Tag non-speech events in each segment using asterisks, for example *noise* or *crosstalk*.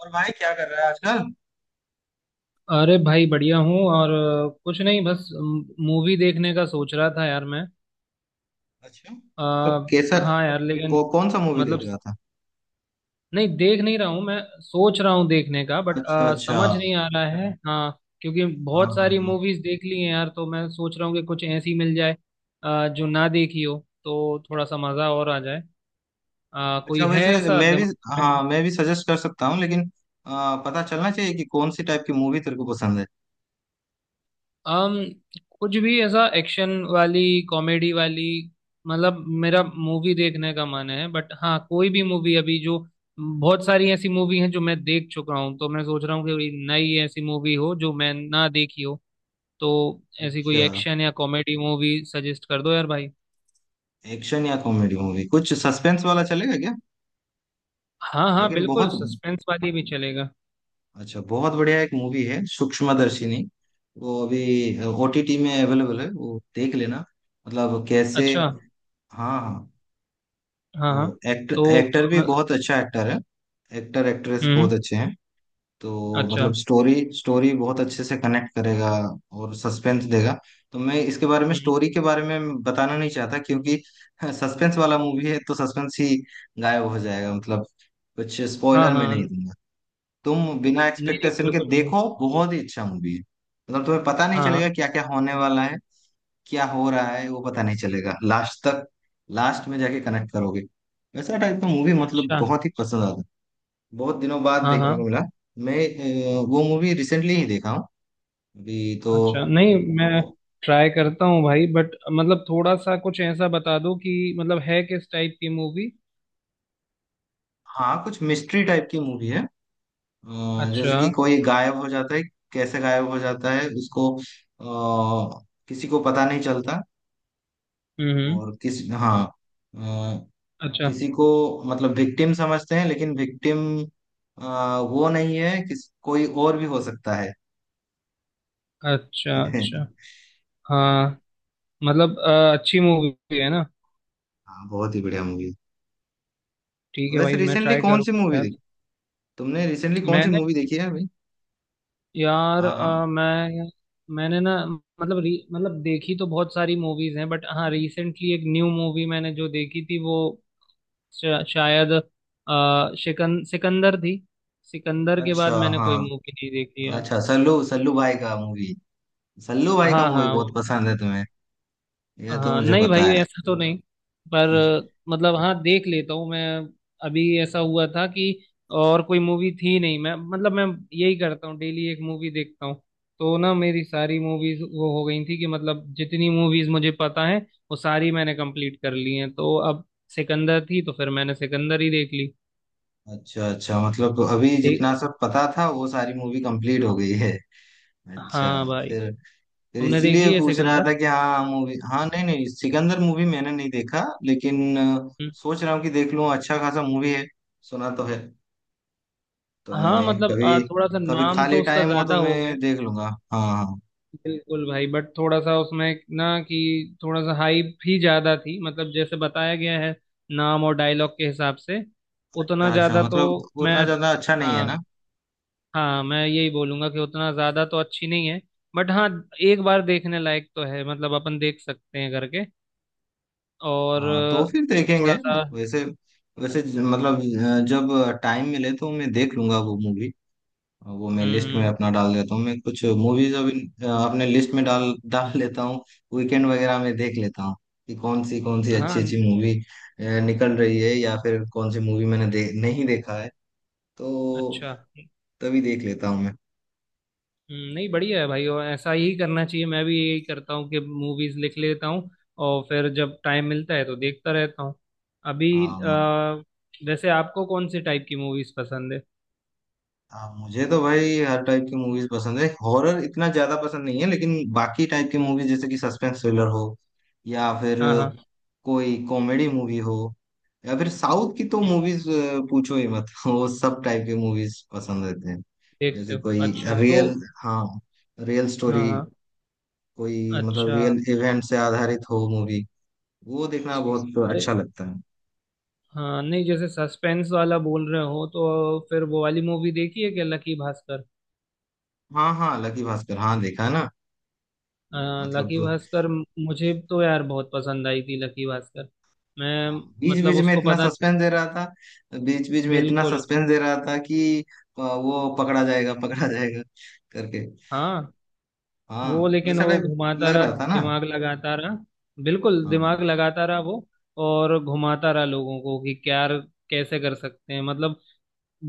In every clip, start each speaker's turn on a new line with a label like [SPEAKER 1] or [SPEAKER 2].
[SPEAKER 1] और भाई क्या कर रहा है आजकल?
[SPEAKER 2] अरे भाई, बढ़िया हूँ। और कुछ नहीं, बस मूवी देखने का सोच रहा था यार मैं।
[SPEAKER 1] अच्छा।
[SPEAKER 2] अ,
[SPEAKER 1] मतलब कैसा?
[SPEAKER 2] हाँ यार, लेकिन
[SPEAKER 1] कौन सा मूवी
[SPEAKER 2] मतलब
[SPEAKER 1] देख रहा था?
[SPEAKER 2] नहीं, देख नहीं रहा हूँ मैं, सोच रहा हूँ देखने का बट
[SPEAKER 1] अच्छा अच्छा।
[SPEAKER 2] समझ
[SPEAKER 1] हाँ।
[SPEAKER 2] नहीं आ रहा है। हाँ, क्योंकि
[SPEAKER 1] हाँ
[SPEAKER 2] बहुत सारी
[SPEAKER 1] हाँ।
[SPEAKER 2] मूवीज देख ली हैं यार, तो मैं सोच रहा हूँ कि कुछ ऐसी मिल जाए जो ना देखी हो, तो थोड़ा सा मज़ा और आ जाए।
[SPEAKER 1] अच्छा,
[SPEAKER 2] कोई है
[SPEAKER 1] वैसे
[SPEAKER 2] ऐसा
[SPEAKER 1] मैं भी।
[SPEAKER 2] दिमाग में?
[SPEAKER 1] हाँ, मैं भी सजेस्ट कर सकता हूँ, लेकिन पता चलना चाहिए कि कौन सी टाइप की मूवी तेरे को पसंद है।
[SPEAKER 2] um, कुछ भी ऐसा, एक्शन वाली, कॉमेडी वाली। मतलब मेरा मूवी देखने का मन है, बट हाँ, कोई भी मूवी अभी जो, बहुत सारी ऐसी मूवी हैं जो मैं देख चुका हूँ, तो मैं सोच रहा हूँ कि कोई नई ऐसी मूवी हो जो मैं ना देखी हो। तो ऐसी कोई
[SPEAKER 1] अच्छा।
[SPEAKER 2] एक्शन या कॉमेडी मूवी सजेस्ट कर दो यार भाई।
[SPEAKER 1] एक्शन या कॉमेडी मूवी, कुछ सस्पेंस वाला चलेगा क्या?
[SPEAKER 2] हाँ हाँ,
[SPEAKER 1] लेकिन
[SPEAKER 2] बिल्कुल,
[SPEAKER 1] बहुत।
[SPEAKER 2] सस्पेंस वाली भी चलेगा।
[SPEAKER 1] अच्छा, बहुत बढ़िया एक मूवी है, सूक्ष्मदर्शिनी। वो अभी ओटीटी में अवेलेबल है, वो देख लेना। मतलब कैसे?
[SPEAKER 2] अच्छा।
[SPEAKER 1] हाँ हाँ।
[SPEAKER 2] हाँ हाँ।
[SPEAKER 1] वो एक्टर
[SPEAKER 2] तो
[SPEAKER 1] एक्टर भी बहुत अच्छा एक्टर है। एक्टर एक्ट्रेस
[SPEAKER 2] हम्म।
[SPEAKER 1] बहुत अच्छे हैं। तो
[SPEAKER 2] अच्छा।
[SPEAKER 1] मतलब स्टोरी स्टोरी बहुत अच्छे से कनेक्ट करेगा। और सस्पेंस देगा। तो मैं इसके बारे में,
[SPEAKER 2] हम्म।
[SPEAKER 1] स्टोरी के बारे में बताना नहीं चाहता क्योंकि *laughs* सस्पेंस वाला मूवी है, तो सस्पेंस ही गायब हो जाएगा मतलब। कुछ
[SPEAKER 2] हाँ
[SPEAKER 1] स्पॉइलर मैं
[SPEAKER 2] हाँ।
[SPEAKER 1] नहीं
[SPEAKER 2] नहीं
[SPEAKER 1] दूंगा। तुम बिना
[SPEAKER 2] नहीं,
[SPEAKER 1] एक्सपेक्टेशन के
[SPEAKER 2] बिल्कुल भाई।
[SPEAKER 1] देखो, बहुत ही अच्छा मूवी है। मतलब तुम्हें पता नहीं
[SPEAKER 2] हाँ
[SPEAKER 1] चलेगा
[SPEAKER 2] हाँ।
[SPEAKER 1] क्या क्या होने वाला है। क्या हो रहा है वो पता नहीं चलेगा लास्ट तक। लास्ट में जाके कनेक्ट करोगे। वैसा टाइप का मूवी मतलब
[SPEAKER 2] अच्छा।
[SPEAKER 1] बहुत ही पसंद आता है। बहुत दिनों बाद
[SPEAKER 2] हाँ
[SPEAKER 1] देखने को
[SPEAKER 2] हाँ।
[SPEAKER 1] मिला। मैं। वो मूवी रिसेंटली ही देखा हूँ। अभी तो।
[SPEAKER 2] अच्छा नहीं, मैं ट्राई करता हूँ भाई, बट मतलब थोड़ा सा कुछ ऐसा बता दो कि मतलब है किस टाइप की मूवी।
[SPEAKER 1] हाँ, कुछ मिस्ट्री टाइप की मूवी है।
[SPEAKER 2] अच्छा।
[SPEAKER 1] जैसे कि कोई गायब हो जाता है। कैसे गायब हो जाता है उसको, किसी को पता नहीं चलता।
[SPEAKER 2] हम्म।
[SPEAKER 1] और किस, हाँ।
[SPEAKER 2] अच्छा
[SPEAKER 1] किसी को। मतलब विक्टिम समझते हैं, लेकिन विक्टिम वो नहीं है, किस कोई और भी हो सकता है।
[SPEAKER 2] अच्छा। अच्छा।
[SPEAKER 1] *laughs*
[SPEAKER 2] हाँ, मतलब अच्छी मूवी है ना?
[SPEAKER 1] हाँ, बहुत ही बढ़िया मूवी।
[SPEAKER 2] ठीक है
[SPEAKER 1] वैसे
[SPEAKER 2] भाई, मैं
[SPEAKER 1] रिसेंटली
[SPEAKER 2] ट्राई
[SPEAKER 1] कौन सी
[SPEAKER 2] करूँगा
[SPEAKER 1] मूवी
[SPEAKER 2] यार।
[SPEAKER 1] देखी? तुमने रिसेंटली कौन सी
[SPEAKER 2] मैंने,
[SPEAKER 1] मूवी देखी है अभी?
[SPEAKER 2] यार
[SPEAKER 1] हाँ हाँ।
[SPEAKER 2] मैं, मैंने ना, मतलब मतलब देखी तो बहुत सारी मूवीज हैं, बट हाँ, रिसेंटली एक न्यू मूवी मैंने जो देखी थी वो शायद शिकन, सिकंदर थी। सिकंदर के बाद
[SPEAKER 1] अच्छा।
[SPEAKER 2] मैंने
[SPEAKER 1] हाँ।
[SPEAKER 2] कोई मूवी नहीं देखी यार।
[SPEAKER 1] अच्छा, सल्लू सल्लू भाई का मूवी। सल्लू भाई का
[SPEAKER 2] हाँ
[SPEAKER 1] मूवी
[SPEAKER 2] हाँ,
[SPEAKER 1] बहुत पसंद है तुम्हें। यह तो
[SPEAKER 2] हाँ
[SPEAKER 1] मुझे
[SPEAKER 2] नहीं
[SPEAKER 1] पता
[SPEAKER 2] भाई,
[SPEAKER 1] है।
[SPEAKER 2] ऐसा तो नहीं, पर
[SPEAKER 1] *laughs*
[SPEAKER 2] मतलब हाँ, देख लेता हूँ मैं। अभी ऐसा हुआ था कि और कोई मूवी थी नहीं, मैं मतलब मैं यही करता हूँ, डेली एक मूवी देखता हूँ। तो ना मेरी सारी मूवीज वो हो गई थी, कि मतलब जितनी मूवीज मुझे पता है वो सारी मैंने कंप्लीट कर ली हैं, तो अब सिकंदर थी तो फिर मैंने सिकंदर ही देख ली।
[SPEAKER 1] अच्छा अच्छा, मतलब अभी
[SPEAKER 2] दे-
[SPEAKER 1] जितना सब पता था वो सारी मूवी कंप्लीट हो गई है। *laughs* अच्छा।
[SPEAKER 2] हाँ भाई।
[SPEAKER 1] फिर।
[SPEAKER 2] तुमने
[SPEAKER 1] इसीलिए
[SPEAKER 2] देखी है
[SPEAKER 1] पूछ रहा था
[SPEAKER 2] सिकंदर?
[SPEAKER 1] कि हाँ, मूवी, हाँ, नहीं नहीं, सिकंदर मूवी मैंने नहीं देखा। लेकिन
[SPEAKER 2] हम्म,
[SPEAKER 1] सोच रहा हूँ कि देख लूँ, अच्छा खासा मूवी है। सुना तो है। तो
[SPEAKER 2] हाँ,
[SPEAKER 1] मैं
[SPEAKER 2] मतलब
[SPEAKER 1] कभी,
[SPEAKER 2] थोड़ा सा
[SPEAKER 1] कभी
[SPEAKER 2] नाम
[SPEAKER 1] खाली
[SPEAKER 2] तो उसका
[SPEAKER 1] टाइम हो तो
[SPEAKER 2] ज्यादा हो गया
[SPEAKER 1] मैं
[SPEAKER 2] है।
[SPEAKER 1] देख लूंगा। हाँ हाँ।
[SPEAKER 2] बिल्कुल भाई, बट थोड़ा सा उसमें ना, कि थोड़ा सा हाइप ही ज्यादा थी मतलब, जैसे बताया गया है नाम और डायलॉग के हिसाब से उतना
[SPEAKER 1] अच्छा अच्छा,
[SPEAKER 2] ज्यादा तो
[SPEAKER 1] मतलब
[SPEAKER 2] मैं,
[SPEAKER 1] उतना ज्यादा अच्छा नहीं है
[SPEAKER 2] हाँ
[SPEAKER 1] ना?
[SPEAKER 2] हाँ, मैं यही बोलूंगा कि उतना ज्यादा तो अच्छी नहीं है, बट हाँ, एक बार देखने लायक तो है, मतलब अपन देख सकते हैं करके। और
[SPEAKER 1] हाँ, तो फिर देखेंगे।
[SPEAKER 2] थोड़ा सा।
[SPEAKER 1] वैसे, वैसे मतलब। जब टाइम मिले तो मैं देख लूंगा वो मूवी। वो मैं लिस्ट में
[SPEAKER 2] हम्म।
[SPEAKER 1] अपना डाल देता हूँ, मैं कुछ मूवीज अभी अपने लिस्ट में डाल डाल लेता हूँ। वीकेंड वगैरह में देख लेता हूँ कि कौन सी अच्छी
[SPEAKER 2] हाँ।
[SPEAKER 1] अच्छी मूवी निकल रही है, या फिर कौन सी मूवी मैंने नहीं देखा है। तो
[SPEAKER 2] अच्छा।
[SPEAKER 1] तभी देख लेता हूँ मैं।
[SPEAKER 2] नहीं, बढ़िया है भाई, और ऐसा ही करना चाहिए। मैं भी यही करता हूँ कि मूवीज लिख लेता हूँ और फिर जब टाइम मिलता है तो देखता रहता हूँ। अभी
[SPEAKER 1] हाँ
[SPEAKER 2] वैसे आपको कौन से टाइप की मूवीज पसंद है?
[SPEAKER 1] हाँ, मुझे तो भाई हर टाइप की मूवीज पसंद है, हॉरर इतना ज्यादा पसंद नहीं है, लेकिन बाकी टाइप की मूवीज जैसे कि सस्पेंस थ्रिलर हो, या फिर
[SPEAKER 2] हाँ हाँ।
[SPEAKER 1] कोई कॉमेडी मूवी हो, या फिर साउथ की तो मूवीज पूछो ही मत। *laughs* वो सब टाइप की मूवीज पसंद रहते हैं।
[SPEAKER 2] देखते
[SPEAKER 1] जैसे
[SPEAKER 2] हो,
[SPEAKER 1] कोई
[SPEAKER 2] अच्छा। तो
[SPEAKER 1] रियल, हाँ, रियल
[SPEAKER 2] हाँ
[SPEAKER 1] स्टोरी,
[SPEAKER 2] हाँ,
[SPEAKER 1] कोई मतलब
[SPEAKER 2] अच्छा।
[SPEAKER 1] रियल इवेंट से आधारित हो मूवी, वो देखना बहुत
[SPEAKER 2] अरे
[SPEAKER 1] अच्छा लगता है।
[SPEAKER 2] हाँ, नहीं, जैसे सस्पेंस वाला बोल रहे हो तो फिर वो वाली मूवी देखी है क्या, लकी भास्कर?
[SPEAKER 1] हाँ हाँ, लकी भास्कर, हाँ देखा है ना।
[SPEAKER 2] अ,
[SPEAKER 1] मतलब
[SPEAKER 2] लकी भास्कर मुझे तो यार बहुत पसंद आई थी। लकी भास्कर, मैं,
[SPEAKER 1] हाँ, बीच
[SPEAKER 2] मतलब
[SPEAKER 1] बीच में
[SPEAKER 2] उसको
[SPEAKER 1] इतना
[SPEAKER 2] पता नहीं,
[SPEAKER 1] सस्पेंस दे रहा था, बीच बीच में इतना
[SPEAKER 2] बिल्कुल,
[SPEAKER 1] सस्पेंस दे रहा था कि वो पकड़ा जाएगा *laughs* पकड़ा जाएगा करके।
[SPEAKER 2] हाँ।
[SPEAKER 1] हाँ।
[SPEAKER 2] वो लेकिन
[SPEAKER 1] वैसा
[SPEAKER 2] वो
[SPEAKER 1] टाइप
[SPEAKER 2] घुमाता
[SPEAKER 1] लग
[SPEAKER 2] रहा,
[SPEAKER 1] रहा था ना।
[SPEAKER 2] दिमाग लगाता रहा। बिल्कुल, दिमाग
[SPEAKER 1] हाँ
[SPEAKER 2] लगाता रहा वो, और घुमाता रहा लोगों को कि क्या, कैसे कर सकते हैं मतलब।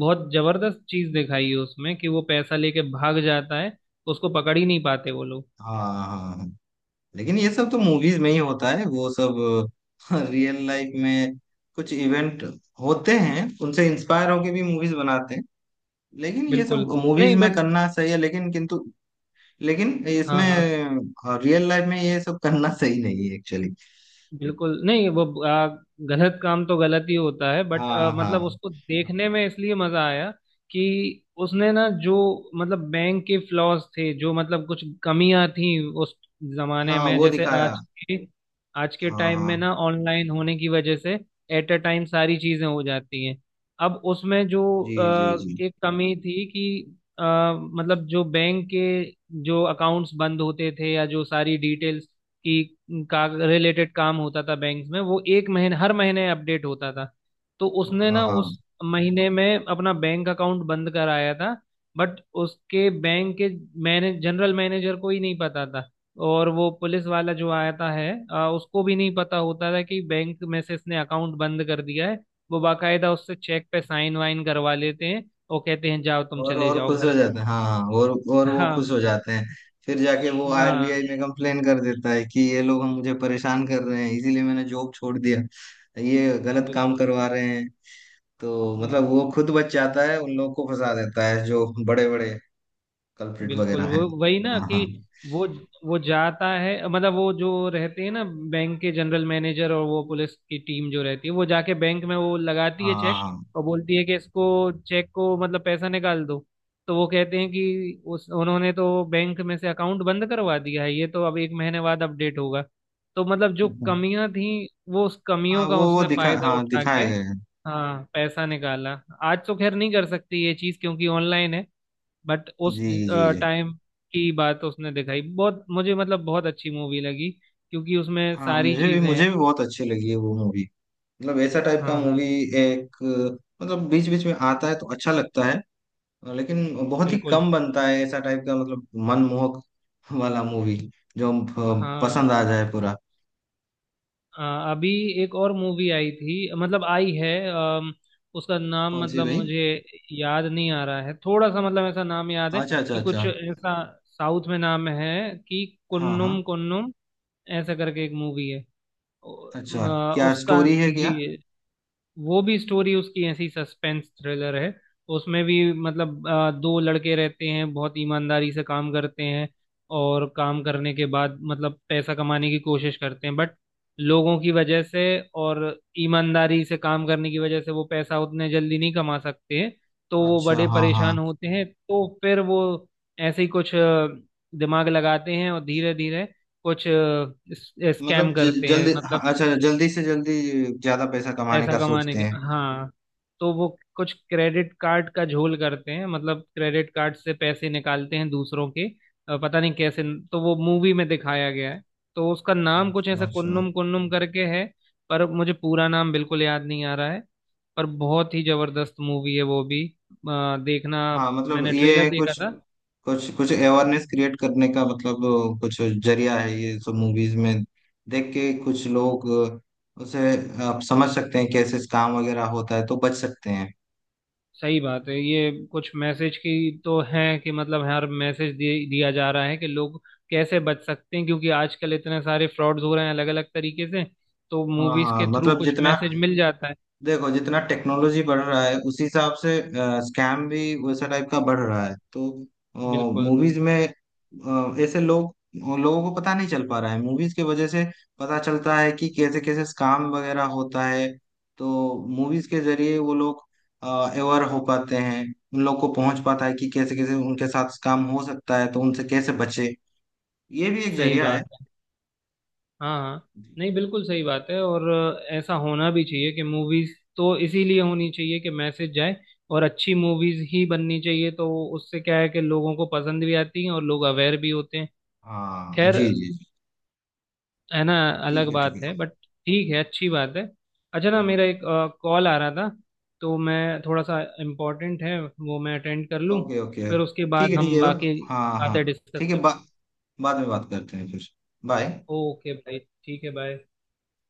[SPEAKER 2] बहुत जबरदस्त चीज दिखाई है उसमें, कि वो पैसा लेके भाग जाता है, उसको पकड़ ही नहीं पाते वो लोग।
[SPEAKER 1] हाँ हाँ हाँ। लेकिन ये सब तो मूवीज में ही होता है वो सब। रियल लाइफ में कुछ इवेंट होते हैं, उनसे इंस्पायर होके भी मूवीज बनाते हैं। लेकिन ये
[SPEAKER 2] बिल्कुल
[SPEAKER 1] सब मूवीज
[SPEAKER 2] नहीं,
[SPEAKER 1] में
[SPEAKER 2] बस,
[SPEAKER 1] करना सही है, लेकिन किंतु लेकिन
[SPEAKER 2] हाँ
[SPEAKER 1] इसमें
[SPEAKER 2] हाँ।
[SPEAKER 1] रियल लाइफ में ये सब करना सही नहीं है एक्चुअली।
[SPEAKER 2] बिल्कुल नहीं। वो गलत काम तो गलत ही होता है, बट
[SPEAKER 1] हाँ
[SPEAKER 2] मतलब
[SPEAKER 1] हाँ,
[SPEAKER 2] उसको देखने में इसलिए मजा आया, कि उसने ना जो, मतलब बैंक के फ्लॉज थे जो, मतलब कुछ कमियां थी उस जमाने
[SPEAKER 1] हाँ
[SPEAKER 2] में,
[SPEAKER 1] वो
[SPEAKER 2] जैसे
[SPEAKER 1] दिखाया,
[SPEAKER 2] आज के, आज के
[SPEAKER 1] हाँ
[SPEAKER 2] टाइम
[SPEAKER 1] हाँ
[SPEAKER 2] में ना ऑनलाइन होने की वजह से एट अ टाइम सारी चीजें हो जाती हैं। अब उसमें जो
[SPEAKER 1] जी जी जी।
[SPEAKER 2] एक कमी थी कि मतलब जो बैंक के, जो अकाउंट्स बंद होते थे या जो सारी डिटेल्स की, का रिलेटेड काम होता था बैंक में, वो एक महीने, हर महीने अपडेट होता था। तो उसने
[SPEAKER 1] हाँ
[SPEAKER 2] ना
[SPEAKER 1] हाँ।
[SPEAKER 2] उस महीने में अपना बैंक अकाउंट बंद कराया था, बट उसके बैंक के, मैने जनरल मैनेजर को ही नहीं पता था। और वो पुलिस वाला जो आता है उसको भी नहीं पता होता था कि बैंक में से इसने अकाउंट बंद कर दिया है। वो बाकायदा उससे चेक पे साइन वाइन करवा लेते हैं और कहते हैं जाओ, तुम
[SPEAKER 1] और
[SPEAKER 2] चले
[SPEAKER 1] और
[SPEAKER 2] जाओ
[SPEAKER 1] खुश हो
[SPEAKER 2] घर।
[SPEAKER 1] जाते हैं, हाँ हाँ, और वो खुश हो
[SPEAKER 2] हाँ
[SPEAKER 1] जाते हैं। फिर जाके वो
[SPEAKER 2] हाँ,
[SPEAKER 1] आरबीआई में कंप्लेन कर देता है कि ये लोग हम मुझे परेशान कर रहे हैं, इसीलिए मैंने जॉब छोड़ दिया, ये गलत काम
[SPEAKER 2] बिल्कुल।
[SPEAKER 1] करवा रहे हैं। तो
[SPEAKER 2] हम्म।
[SPEAKER 1] मतलब वो खुद बच जाता है, उन लोग को फंसा देता है, जो बड़े बड़े कल्प्रिट वगैरह
[SPEAKER 2] बिल्कुल,
[SPEAKER 1] हैं।
[SPEAKER 2] वो वही ना
[SPEAKER 1] हाँ
[SPEAKER 2] कि
[SPEAKER 1] हाँ
[SPEAKER 2] वो वो जाता है मतलब, वो जो रहते हैं ना बैंक के जनरल मैनेजर और वो पुलिस की टीम जो रहती है, वो जाके बैंक में वो लगाती है
[SPEAKER 1] हाँ
[SPEAKER 2] चेक,
[SPEAKER 1] हाँ
[SPEAKER 2] और बोलती है कि इसको चेक को मतलब पैसा निकाल दो। तो वो कहते हैं कि उस उन्होंने तो बैंक में से अकाउंट बंद करवा दिया है, ये तो अब एक महीने बाद अपडेट होगा। तो मतलब जो कमियां थी, वो उस
[SPEAKER 1] हाँ,
[SPEAKER 2] कमियों का
[SPEAKER 1] वो
[SPEAKER 2] उसने
[SPEAKER 1] दिखा,
[SPEAKER 2] फायदा
[SPEAKER 1] हाँ
[SPEAKER 2] उठा
[SPEAKER 1] दिखाए
[SPEAKER 2] के,
[SPEAKER 1] गए हैं।
[SPEAKER 2] हाँ, पैसा निकाला। आज तो खैर नहीं कर सकती ये चीज क्योंकि ऑनलाइन है, बट
[SPEAKER 1] जी
[SPEAKER 2] उस
[SPEAKER 1] जी जी।
[SPEAKER 2] टाइम की बात उसने दिखाई। बहुत मुझे मतलब बहुत अच्छी मूवी लगी, क्योंकि उसमें
[SPEAKER 1] हाँ,
[SPEAKER 2] सारी
[SPEAKER 1] मुझे भी
[SPEAKER 2] चीजें हैं।
[SPEAKER 1] मुझे भी बहुत अच्छी लगी है वो मूवी। मतलब ऐसा टाइप का
[SPEAKER 2] हाँ
[SPEAKER 1] मूवी,
[SPEAKER 2] हाँ,
[SPEAKER 1] एक मतलब बीच बीच में आता है तो अच्छा लगता है। लेकिन बहुत ही
[SPEAKER 2] बिल्कुल।
[SPEAKER 1] कम बनता है ऐसा टाइप का, मतलब मनमोहक वाला मूवी, जो पसंद
[SPEAKER 2] हाँ
[SPEAKER 1] आ जाए पूरा।
[SPEAKER 2] अ, अभी एक और मूवी आई थी, मतलब आई है, उसका नाम
[SPEAKER 1] कौन सी
[SPEAKER 2] मतलब
[SPEAKER 1] भाई?
[SPEAKER 2] मुझे याद नहीं आ रहा है थोड़ा सा, मतलब ऐसा नाम याद है
[SPEAKER 1] अच्छा अच्छा
[SPEAKER 2] कि कुछ
[SPEAKER 1] अच्छा।
[SPEAKER 2] ऐसा साउथ में नाम है कि
[SPEAKER 1] हाँ हाँ।
[SPEAKER 2] कुन्नुम कुन्नुम, ऐसा करके एक मूवी है। ओ,
[SPEAKER 1] अच्छा, क्या
[SPEAKER 2] उसका,
[SPEAKER 1] स्टोरी है क्या?
[SPEAKER 2] जी, वो भी स्टोरी उसकी ऐसी सस्पेंस थ्रिलर है। उसमें भी मतलब दो लड़के रहते हैं, बहुत ईमानदारी से काम करते हैं और काम करने के बाद मतलब पैसा कमाने की कोशिश करते हैं, बट लोगों की वजह से और ईमानदारी से काम करने की वजह से वो पैसा उतने जल्दी नहीं कमा सकते हैं। तो वो
[SPEAKER 1] अच्छा
[SPEAKER 2] बड़े
[SPEAKER 1] हाँ हाँ,
[SPEAKER 2] परेशान होते हैं, तो फिर वो ऐसे ही कुछ दिमाग लगाते हैं और धीरे धीरे कुछ स्कैम
[SPEAKER 1] मतलब
[SPEAKER 2] करते हैं
[SPEAKER 1] जल्दी, हाँ,
[SPEAKER 2] मतलब,
[SPEAKER 1] अच्छा जल्दी से जल्दी ज्यादा पैसा कमाने
[SPEAKER 2] पैसा
[SPEAKER 1] का
[SPEAKER 2] कमाने
[SPEAKER 1] सोचते
[SPEAKER 2] के,
[SPEAKER 1] हैं।
[SPEAKER 2] हाँ। तो वो कुछ क्रेडिट कार्ड का झोल करते हैं, मतलब क्रेडिट कार्ड से पैसे निकालते हैं दूसरों के, पता नहीं कैसे, तो वो मूवी में दिखाया गया है। तो उसका नाम कुछ
[SPEAKER 1] अच्छा
[SPEAKER 2] ऐसा
[SPEAKER 1] अच्छा।
[SPEAKER 2] कुन्नुम कुन्नुम करके है, पर मुझे पूरा नाम बिल्कुल याद नहीं आ रहा है, पर बहुत ही जबरदस्त मूवी है वो भी देखना।
[SPEAKER 1] हाँ मतलब
[SPEAKER 2] मैंने ट्रेलर
[SPEAKER 1] ये
[SPEAKER 2] देखा
[SPEAKER 1] कुछ
[SPEAKER 2] था।
[SPEAKER 1] कुछ कुछ अवेयरनेस क्रिएट करने का मतलब कुछ जरिया है ये सब मूवीज में। देख के कुछ लोग उसे आप समझ सकते हैं कैसे काम वगैरह होता है तो बच सकते हैं।
[SPEAKER 2] सही बात है। ये कुछ मैसेज की तो है, कि मतलब हर मैसेज दिया जा रहा है कि लोग कैसे बच सकते हैं, क्योंकि आजकल इतने सारे फ्रॉड्स हो रहे हैं, अलग अलग तरीके से। तो
[SPEAKER 1] हाँ
[SPEAKER 2] मूवीज
[SPEAKER 1] हाँ,
[SPEAKER 2] के थ्रू
[SPEAKER 1] मतलब
[SPEAKER 2] कुछ
[SPEAKER 1] जितना,
[SPEAKER 2] मैसेज मिल जाता है।
[SPEAKER 1] देखो जितना टेक्नोलॉजी बढ़ रहा है उसी हिसाब से स्कैम भी वैसा टाइप का बढ़ रहा है, तो
[SPEAKER 2] बिल्कुल
[SPEAKER 1] मूवीज में ऐसे लोग, लोगों को पता नहीं चल पा रहा है, मूवीज की वजह से पता चलता है कि कैसे कैसे स्कैम वगैरह होता है। तो मूवीज के जरिए वो लोग अवेयर हो पाते हैं, उन लोग को पहुंच पाता है कि कैसे कैसे उनके साथ स्कैम हो सकता है तो उनसे कैसे बचे। ये भी एक
[SPEAKER 2] सही
[SPEAKER 1] जरिया है।
[SPEAKER 2] बात है। हाँ हाँ, नहीं, बिल्कुल सही बात है। और ऐसा होना भी चाहिए कि मूवीज, तो इसीलिए होनी चाहिए कि मैसेज जाए, और अच्छी मूवीज ही बननी चाहिए। तो उससे क्या है कि लोगों को पसंद भी आती है और लोग अवेयर भी होते हैं।
[SPEAKER 1] हाँ
[SPEAKER 2] खैर,
[SPEAKER 1] जी जी जी।
[SPEAKER 2] है ना,
[SPEAKER 1] ठीक
[SPEAKER 2] अलग
[SPEAKER 1] है
[SPEAKER 2] बात
[SPEAKER 1] ठीक
[SPEAKER 2] है बट ठीक है, अच्छी बात है। अच्छा, ना,
[SPEAKER 1] है।
[SPEAKER 2] मेरा एक कॉल आ रहा था, तो मैं थोड़ा सा, इम्पोर्टेंट है वो, मैं अटेंड कर लूँ,
[SPEAKER 1] ओके ओके।
[SPEAKER 2] फिर उसके
[SPEAKER 1] ठीक है
[SPEAKER 2] बाद
[SPEAKER 1] ठीक
[SPEAKER 2] हम
[SPEAKER 1] है।
[SPEAKER 2] बाकी
[SPEAKER 1] हाँ हाँ।
[SPEAKER 2] बातें डिस्कस
[SPEAKER 1] ठीक है,
[SPEAKER 2] करते
[SPEAKER 1] बाद में बात करते हैं फिर। बाय।
[SPEAKER 2] हैं। ओके भाई। ठीक है, बाय।